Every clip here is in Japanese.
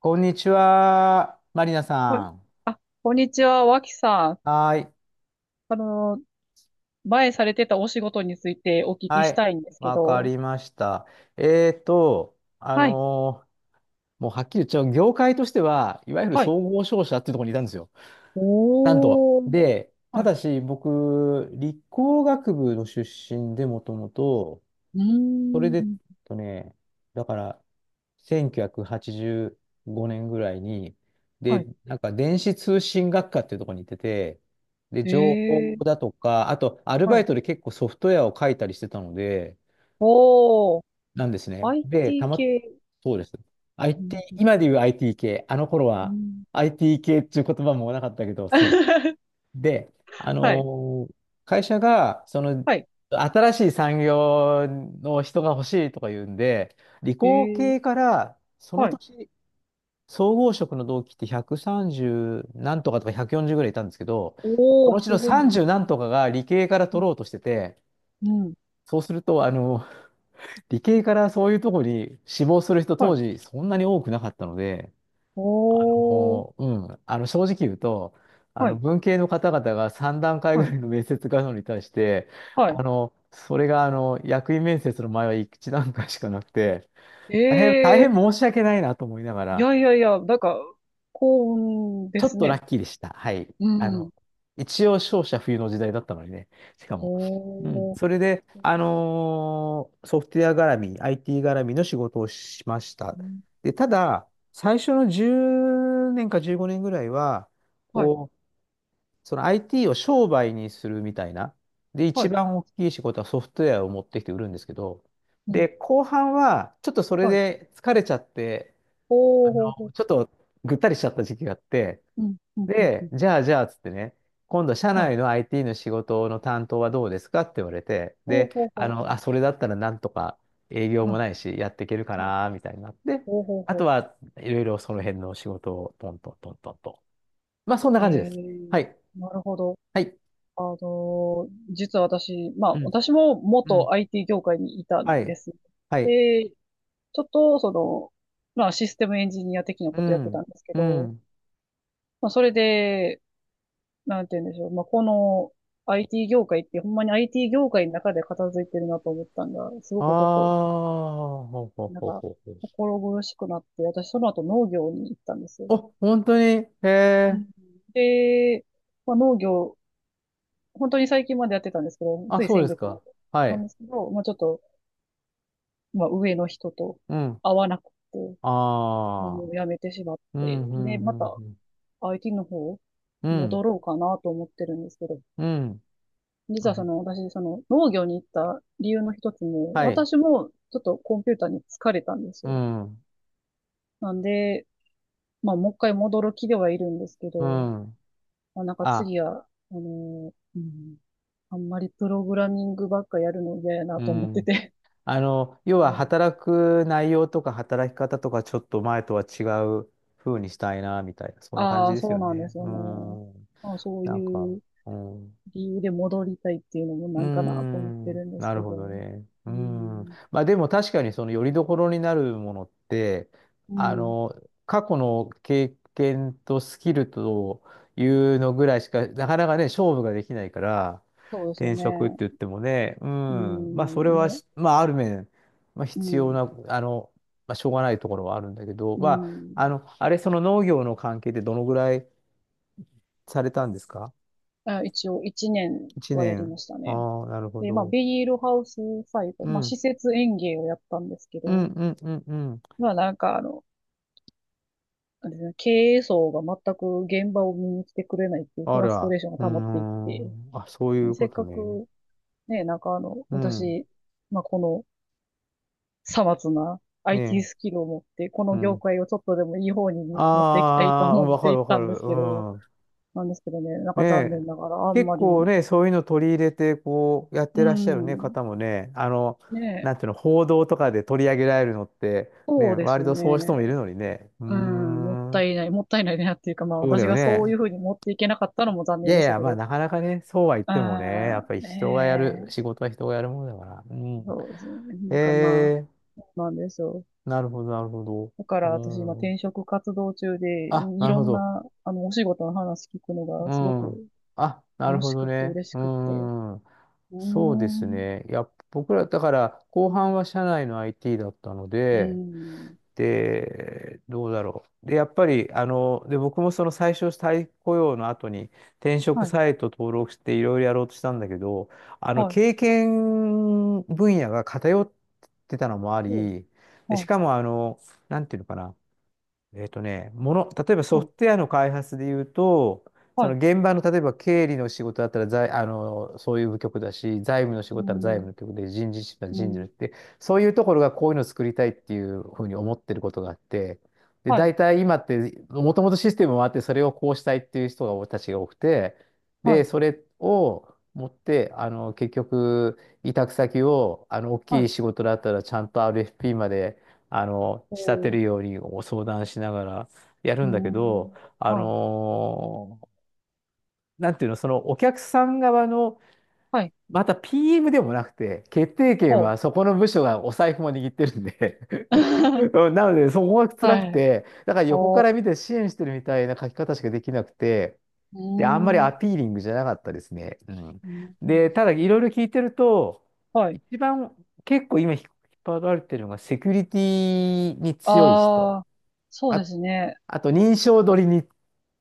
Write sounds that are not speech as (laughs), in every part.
こんにちは、マリナこさん。あ、こんにちは、脇さん。はーい。あの、前されてたお仕事についてお聞きはしい。たいんですけわかど。りました。えーと、あはい、のーもうはっきり言っちゃう、業界としては、いわゆるはい。総合商社っていうところにいたんですよ。なんと。おー、で、たはい。だし、僕、理工学部の出身で、もともと、うそれーで、ん、とね、だから、1985年ぐらいに、はで、い。なんか電子通信学科っていうところに行ってて、で、情報えー、だとか、あと、アルはバイい。トで結構ソフトウェアを書いたりしてたので、おー、なんですね。で、IT 系。そうです。う IT、ん今で言う IT 系、あの頃うは ん。 IT 系っていう言葉もなかったけど、そう、(laughs) で、はい、会社が、その、はい。新しい産業の人が欲しいとか言うんで、理え工ー、系から、そのはい。年、総合職の同期って130何とかとか140ぐらいいたんですけど、そおのー、うちすのごいね。30何とかが理系からう取ん、ろうとしてて、うん、そうすると、あの、理系からそういうとこに志望する人は当い。時そんなに多くなかったので、おー、もう、うん、あの正直言うと、あはのい、文系の方々が3段階ぐはらい、いの面接があるのに対して、はあい。のそれがあの役員面接の前は1段階しかなくて、大変、大え変ー、申し訳ないなと思いながいら、やいやいや、なんか、幸運でちょっすとラね。ッキーでした。はい。うあん。の一応、勝者冬の時代だったのにね、しかも。うん、おー。それで、ソフトウェア絡み、IT 絡みの仕事をしました。うん、で、ただ、最初の10年か15年ぐらいは、はい、こう、その IT を商売にするみたいな。で、は一い、番大きい仕事はソフトウェアを持ってきて売るんですけど、うで、ん。後半はちょっとそれはい。で疲れちゃって、おあうの、ほうほう。ちょっとぐったりしちゃった時期があって、うん。うん。うん。うで、ん。じゃあじゃあっつってね、今度社は内の い。IT の仕事の担当はどうですかって言われて、おうで、ほうあほうほの、う。あ、それだったらなんとか営業はもいないし、やっていけるかはい。な、みたいになって、おうほうあとほはいろいろその辺の仕事をトントントントンと。まあ、そんなう。感じでえす。ー、はい。なるほど。はい。実は私、まうあ、ん私もう元 ん。IT 業界にいたはんでい。す。はい。で、ちょっと、その、まあ、システムエンジニア的なこうとやってたん。んですけうど、ん。まあ、それで、なんて言うんでしょう。まあ、この IT 業界って、ほんまに IT 業界の中で片付いてるなと思ったんが、すごあくちょっと、あ、ほうほうなんほうか、ほうほう。心苦しくなって、私その後農業に行ったんですよ。お、本当にへうえ。ん。で、まあ、農業、本当に最近までやってたんですけど、あ、ついそう先です月まで。か。はなんい。ですけど、まあ、ちょっと、まあ、上の人とうん。会わなくて、あもあ。う辞めてしまっうて、ん、うん、で、まうた ん、IT の方うん。う戻ん。ろうかなと思ってるんですけど、うん実あはその私、その農業に行った理由の一つも、はい。私もちょっとコンピューターに疲れたんですうよ。ん。なんで、まあもう一回戻る気ではいるんですけうど、ん。まあ、なんかあ、次は、うん、あんまりプログラミングばっかやるの嫌やなうと思ってん。て。あの、要 (laughs) うはん。働く内容とか働き方とかちょっと前とは違う風にしたいな、みたいな。そんな感あじあ、ですそうよなんでね。すようね。ん。まあ、そうなんか、いううん。理由で戻りたいっていうのもうなーんかなと思ってん、るんですなけるほど。どね。ううーん。ん、まあでも確かにその拠り所になるものって、うあん、の、過去の経験とスキルというのぐらいしか、なかなかね、勝負ができないから、そうですよ転ね。職って言ってもね、ううん。まあそれん、はね、し、まあある面、まあう必要ん、な、あの、まあしょうがないところはあるんだけど、うまあ、あん。の、あれ、その農業の関係でどのぐらいされたんですか？ あ、一応1年 1 はやり年。ましたね。ああ、なるほで、まあ、ど。ビニールハウス最後、うまあ、ん。施設園芸をやったんですけうんど、うんうんうん。まあ、なんかあの、なんですね、経営層が全く現場を見に来てくれないっていうフあラストら、レーションがうー溜まっていって、ん。あ、そうあいのうせこっとかね。くね、なんかあの、うん。私、まあ、このさまつな IT ねスキルを持って、こえ。うの業ん。界をちょっとでもいい方に持っていきたいとああ、うん思っわかているっわかたんでる。すうけど、ん。なんですけどね、なんねか残念え。ながらあん結まり、構ね、そういうの取り入れて、こう、やっうてらっしゃるね、ん、方もね、あの、ねえ、なんていうの、報道とかで取り上げられるのって、そね、うです割よとそういう人もいるね。のにね。うーうん、もったん。いない、もったいないなっていうか、まあそうだ私よがそういね。うふうに持っていけなかったのも残い念やでいしたや、けまあ、ど。なかなかね、そうは言ってもね、やっぱりあ人がやる、あ、え仕え、事は人がやるものだから。うん。そうですね。なんかまあ、えーそうなんですよ。なるほど、なるほど。だから私今うん。転職活動中で、あ、ないるろほんど。な、あの、お仕事の話聞くのがうすごん。くあ、なる楽ほしどくってね。嬉しうくって。ん。うーそうですん、ね。いや、僕ら、だから、後半は社内の IT だったのうで、ん、で、どうだろう。で、やっぱり、あの、で、僕もその最初、再雇用の後に転職はい、サイト登録していろいろやろうとしたんだけど、あの、はい、経験分野が偏ってたのもあお、り、で、はしい、かも、あの、なんていうのかな。もの、例えばソはフい、トウェアの開発で言うと、そはのい、現場の例えば経理の仕事だったら財、あの、そういう部局だし、財務の仕う事だったら財ん、務の局で、人事室ならう人事のん、って、そういうところがこういうのを作りたいっていうふうに思ってることがあって、で、はい、大体今って、もともとシステムもあって、それをこうしたいっていう人が、たちが多くて、はで、い、それを持って、あの、結局、委託先を、あの、大はきいい、仕事だったらちゃんと RFP まで、あの、お仕立てるー、ようにご相談しながらやうるーんだけど、ん、はい、なんていうの、そのお客さん側の、はい、また PM でもなくて、決定権ほう。はそこの部署がお財布も握ってるんで (laughs) (laughs) うんなので、そこが辛はくい。て、だから横おかー、ら見て支援してるみたいな書き方しかできなくて、うで、あんまりーん。アピーリングじゃなかったですね。うん。うん、で、ただいろいろ聞いてると、はい。一番結構今引っ張られてるのがセキュリティに強い人。ああ、そうであ、すね。あと、認証取りに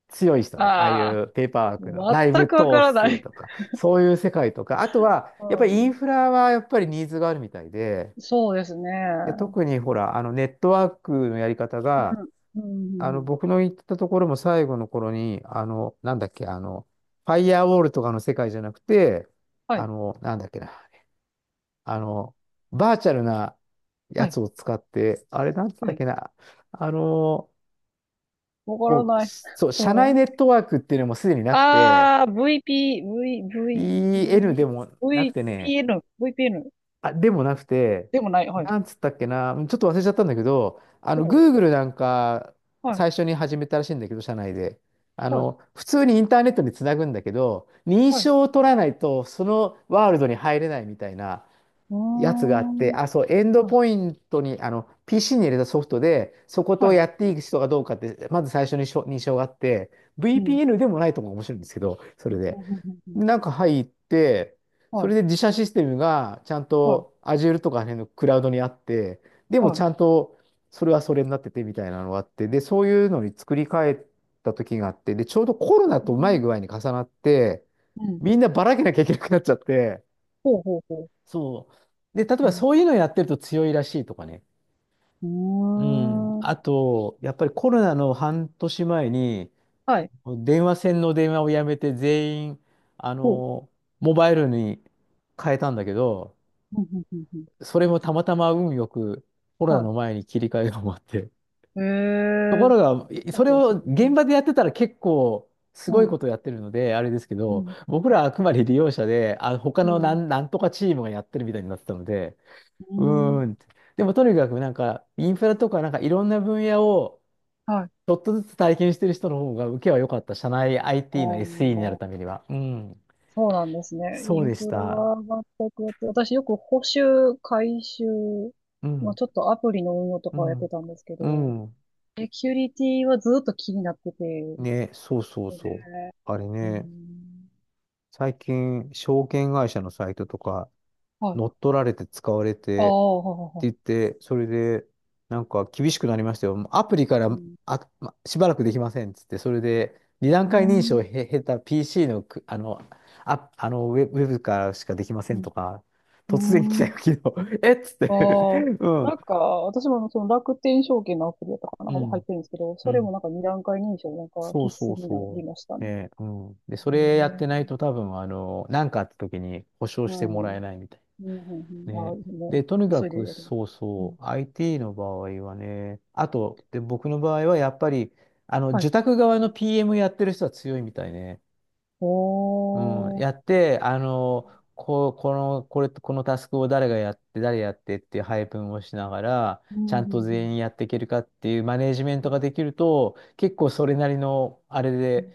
強い人ね。ああいああ、うペーパーワークの内全部くわか統らな制い。とか、そういう世界とか、あとは、うやっぱりイん。ンフラはやっぱりニーズがあるみたいで、そうですで、ね。特にほら、あの、ネットワークのやり方うが、ん。うあん。うの、ん、僕の行ったところも最後の頃に、あの、なんだっけ、あの、ファイアウォールとかの世界じゃなくて、はあい。の、なんだっけな、あの、バーチャルなやはい。つを使って、あれ、なんつっはたっい。けな、あの、わからもう、ない。(laughs) そう、社も内う。ネットワークっていうのもすでになくて、ああ、VP、V、V、EN で V、もなくてね、VPN、VPN あ、でもなくて、でもない。はない。んつったっけな、ちょっと忘れちゃったんだけど、あおの、う、 Google なんか、はい。最初に始めたらしいんだけど、社内で。あはい。の、普通にインターネットにつなぐんだけど、認はい。証を取らないと、そのワールドに入れないみたいな、うーやつがあって、ん。あ、そう、エンドはポい。イントに、あの、PC に入れたソフトで、そことはをい。やっていく人がどうかって、まず最初にしょ認証があって、うん。VPN でもないとも面白いんですけど、そうんれうで。んうんうん。でなんか入って、そはい。れで自社システムがちゃんはい。と Azure とかあの辺のクラウドにあって、でもはちい。ゃんとそれはそれになっててみたいなのがあって、で、そういうのに作り変えた時があって、で、ちょうどコロナうーとうまい具合ん。に重なって、うん。みんなばらけなきゃいけなくなっちゃって、ほうほうほそう。で、例えう。ばうん。そういうのやってると強いらしいとかね。うん。うーん。あと、やっぱりコロナの半年前に、はあい。の電話線の電話をやめて全員、あほう。の、モバイルに変えたんだけど、うん、うん、うん、うん。それもたまたま運よくコロナはの前に切り替えが終わって。い。へとこえー。ろが、あそれとですをね。う現ん。場でやってたら結構すうごいん。ことやってるので、あれですけうど、ん。僕らはあくまで利用者で、あ、他のなうん、なんとかチームがやってるみたいになってたので、ん。ううん、ーんって。でもとにかくなんか、インフラとかなんかいろんな分野をはい。あちょっとずつ体験してる人の方が受けは良かった。社内 IT の SE にあ、なるためには。うん。そうなんですね。イそうンでしフラた。が全くやって、私よく補修、改修、うまあ、ん。ちょっとアプリの運用とうかをやってん。たんですけうど、ん。セキュリティはずっと気になってて、ね、そうそうね、そう。あれうね、ん。最近、証券会社のサイトとか、はい。乗っ取られて使われあてってあ、ははは。言って、それで、なんか厳しくなりましたよ。もうアプリかうらん。しばらくできませんっつって、それで二段う階認証をん。経た PC のあの、あ、あのウェブからしかできませうんん。とか、突然来うたよ、ん。昨日。(laughs) えっつって ああ、(laughs) うん。なんか、私もあのその楽天証券のアプリだったかな、う入っん。てるんですけど、うそれもん。なんか二段階認証なんかそう必そ須うになそりましたう。ね。ね、うん。で、そへれやってないえ、と多分、あの、なんかあった時に保証うしてもん。らうえん、ないみたいな。うん、うん。ああ、ね。もで、とにう、か急いでく、やります。そううん。そう、IT の場合はね、あと、で、僕の場合はやっぱり、あの、はい。受託側の PM やってる人は強いみたいね。うん、おー。やって、あの、このタスクを誰がやって、誰やってっていう配分をしながら、うちん、ゃうんん、うと全員やん。っていけるかっていうマネージメンうトがんできると、結構それなりの、あれうで、ん、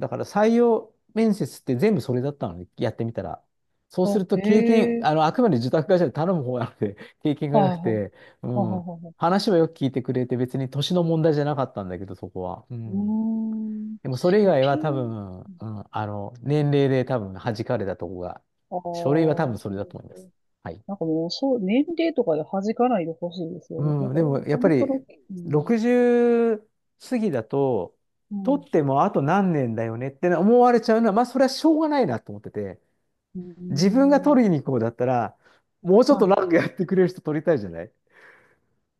だから採用面接って全部それだったのね、やってみたら。そうすあ、るとえ経験、えあの、ー。あくまで受託会社で頼む方なので、(laughs) 経験がはなくいはい。て、うはいん、はいはい。話はよく聞いてくれて、別に年の問題じゃなかったんだけど、そこは。ううーん。ん。でもそれ以え、外はピ多ン。分、うん、あの、年齢で多分弾かれたとこが、ああ、書類は多そ分それうだでとす思いか。ます。はい。なんかもう、そう、年齢とかで弾かないでほしいですよね。なんうん、か、でもやっそぱの人の、りうん、60過ぎだと、う取ん。ってもあと何年だよねって思われちゃうのは、まあそれはしょうがないなと思ってて、うー自分が取りん。に行こうだったら、もうちょっとはい。長くやってくれる人取りたいじゃない。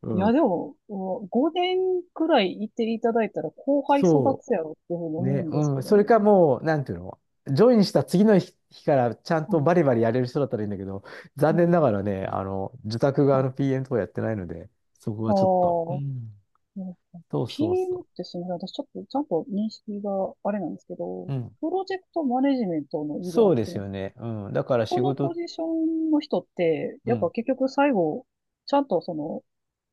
ういや、ん。でも、お5年くらいいていただいたら後輩育そつやろっていうふうにう。思うね、んですうん。けどそれかね。もう、なんていうの、ジョインした次の日からちゃんうとん。バリバリやれる人だったらいいんだけど、う残念なん。がらね、あの、受託側はの い。PM とかやってないので、そこあはちょっと。うあ、ん。うん、 そうそう PM っそてすみません。私ちょっとちゃんと認識があれなんですけど、う。うん。プロジェクトマネジメントの意味で合そっうでてすます。よね。うん。だからこ仕このポ事、ジションの人って、うやっぱん。結局最後、ちゃんとその、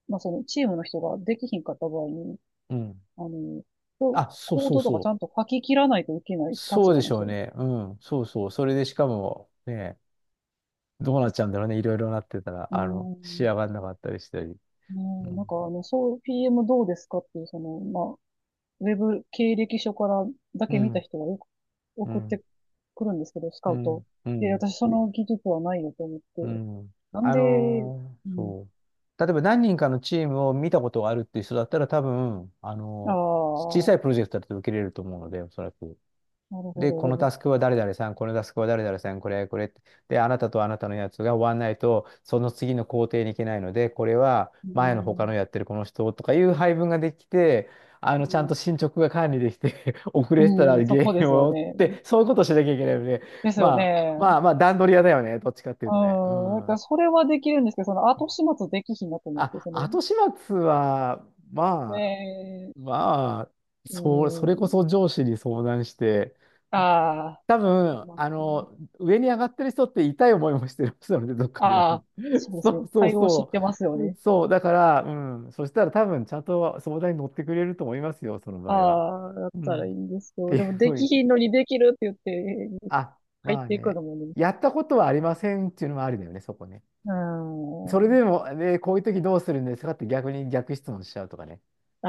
まあ、そのチームの人ができひんかった場合に、うん。あの、あ、そうコーそうドとかそちう。ゃんと書き切らないといけないそ立うで場しのょう人です。ね。うん。そうそう。それでしかも、ね、どうなっちゃうんだろうね。いろいろなってたら、うあの、ー仕ん、上がんなかったりしたり。ねうえ、なんん。かあの、そう、PM どうですかっていう、その、まあ、ウェブ経歴書からだうけ見たん。人がよくう送っん。てくるんですけど、スカうウト。ん。うで、ん私その技術はないよと思っうて。ん。なんあで、のうーん、そう。例えば何人かのチームを見たことがあるっていう人だったら多分、ああのー小あ、さいプロジェクトだと受けれると思うので、おそらく。なるほで、ど、こでのも、タスクは誰々さん、このタスクは誰々さん、これって。で、あなたとあなたのやつが終わんないと、その次の工程に行けないので、これはう前の他ん、のやってるこの人とかいう配分ができて、あの、ちゃんとう進捗が管理できて (laughs) 遅れてたらん、うん、そ原こで因すよを追っね。て、そういうことをしなきゃいけないので、ですよまあ、ね。まあまあ段取り屋だよね、どっちかっていううとね。うん、なんかん。それはできるんですけど、その後始末できひんなと思って、あ、その、後始末は、まあ、ねまあ、え、そう、そうれこん、そ上司に相談して、あ多分、あ、まあの、上に上がってる人って痛い思いもしてる人なので、どっかあ、で、ああの、あ、そう (laughs) でそすね。うそう対応知っそてますよう、ね。そう、だから、うん、そしたら多分、ちゃんと相談に乗ってくれると思いますよ、その場合は。ああ、だっうたん。っらいいんですけど、ていうでもふでうきに、ひんのにできるって言って、あ、入っまあていくね、のもね、やったことはありませんっていうのもありだよね、そこね。うそれん、あでも、ね、こういう時どうするんですかって逆に逆質問しちゃうとかね。あ、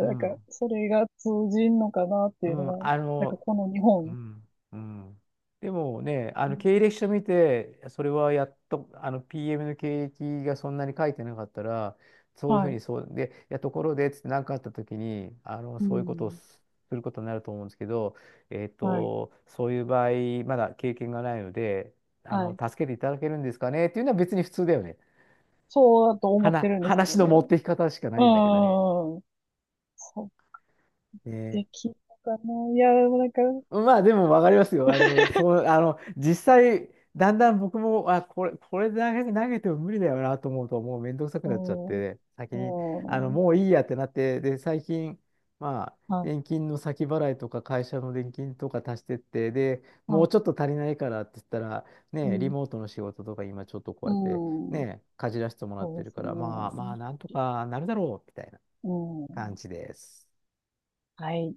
うんか、ん。それが通じんのかなってういうん、のが、あなんかの、この日う本、ん、うん。でもね、あうの経ん、歴書見て、それはやっと、あの PM の経歴がそんなに書いてなかったら、そういうふはうい、にそう、で、いや、ところで、つって何かあった時に、あの、うそういうことをん、することになると思うんですけど、えっはい、と、そういう場合、まだ経験がないので、あはの、い。助けていただけるんですかねっていうのは別に普通だよね。そうだと思ってるんですけ話どのね。持っていき方しかなういんだけどね。ん、そう、ね。できるのかな。いや、なんか、まあでも分かりますよ。あの、そう、あの、実際、だんだん僕も、あ、これ、これ投げ、投げても無理だよなと思うと、もうめんどくさくなっちゃって、先うに、あの、ん、うん。もういいやってなって、で、最近、まあ、は年金の先払いとか、会社の年金とか足してって、で、い。もはうちょっい。と足りないからって言ったら、うね、リん。モートの仕事とか、今ちょっとこううやって、ん。ね、かじらせてもらっそてうでるすから、まあまあ、ね。なんとかなるだろう、みたいなう感ん。じです。はい。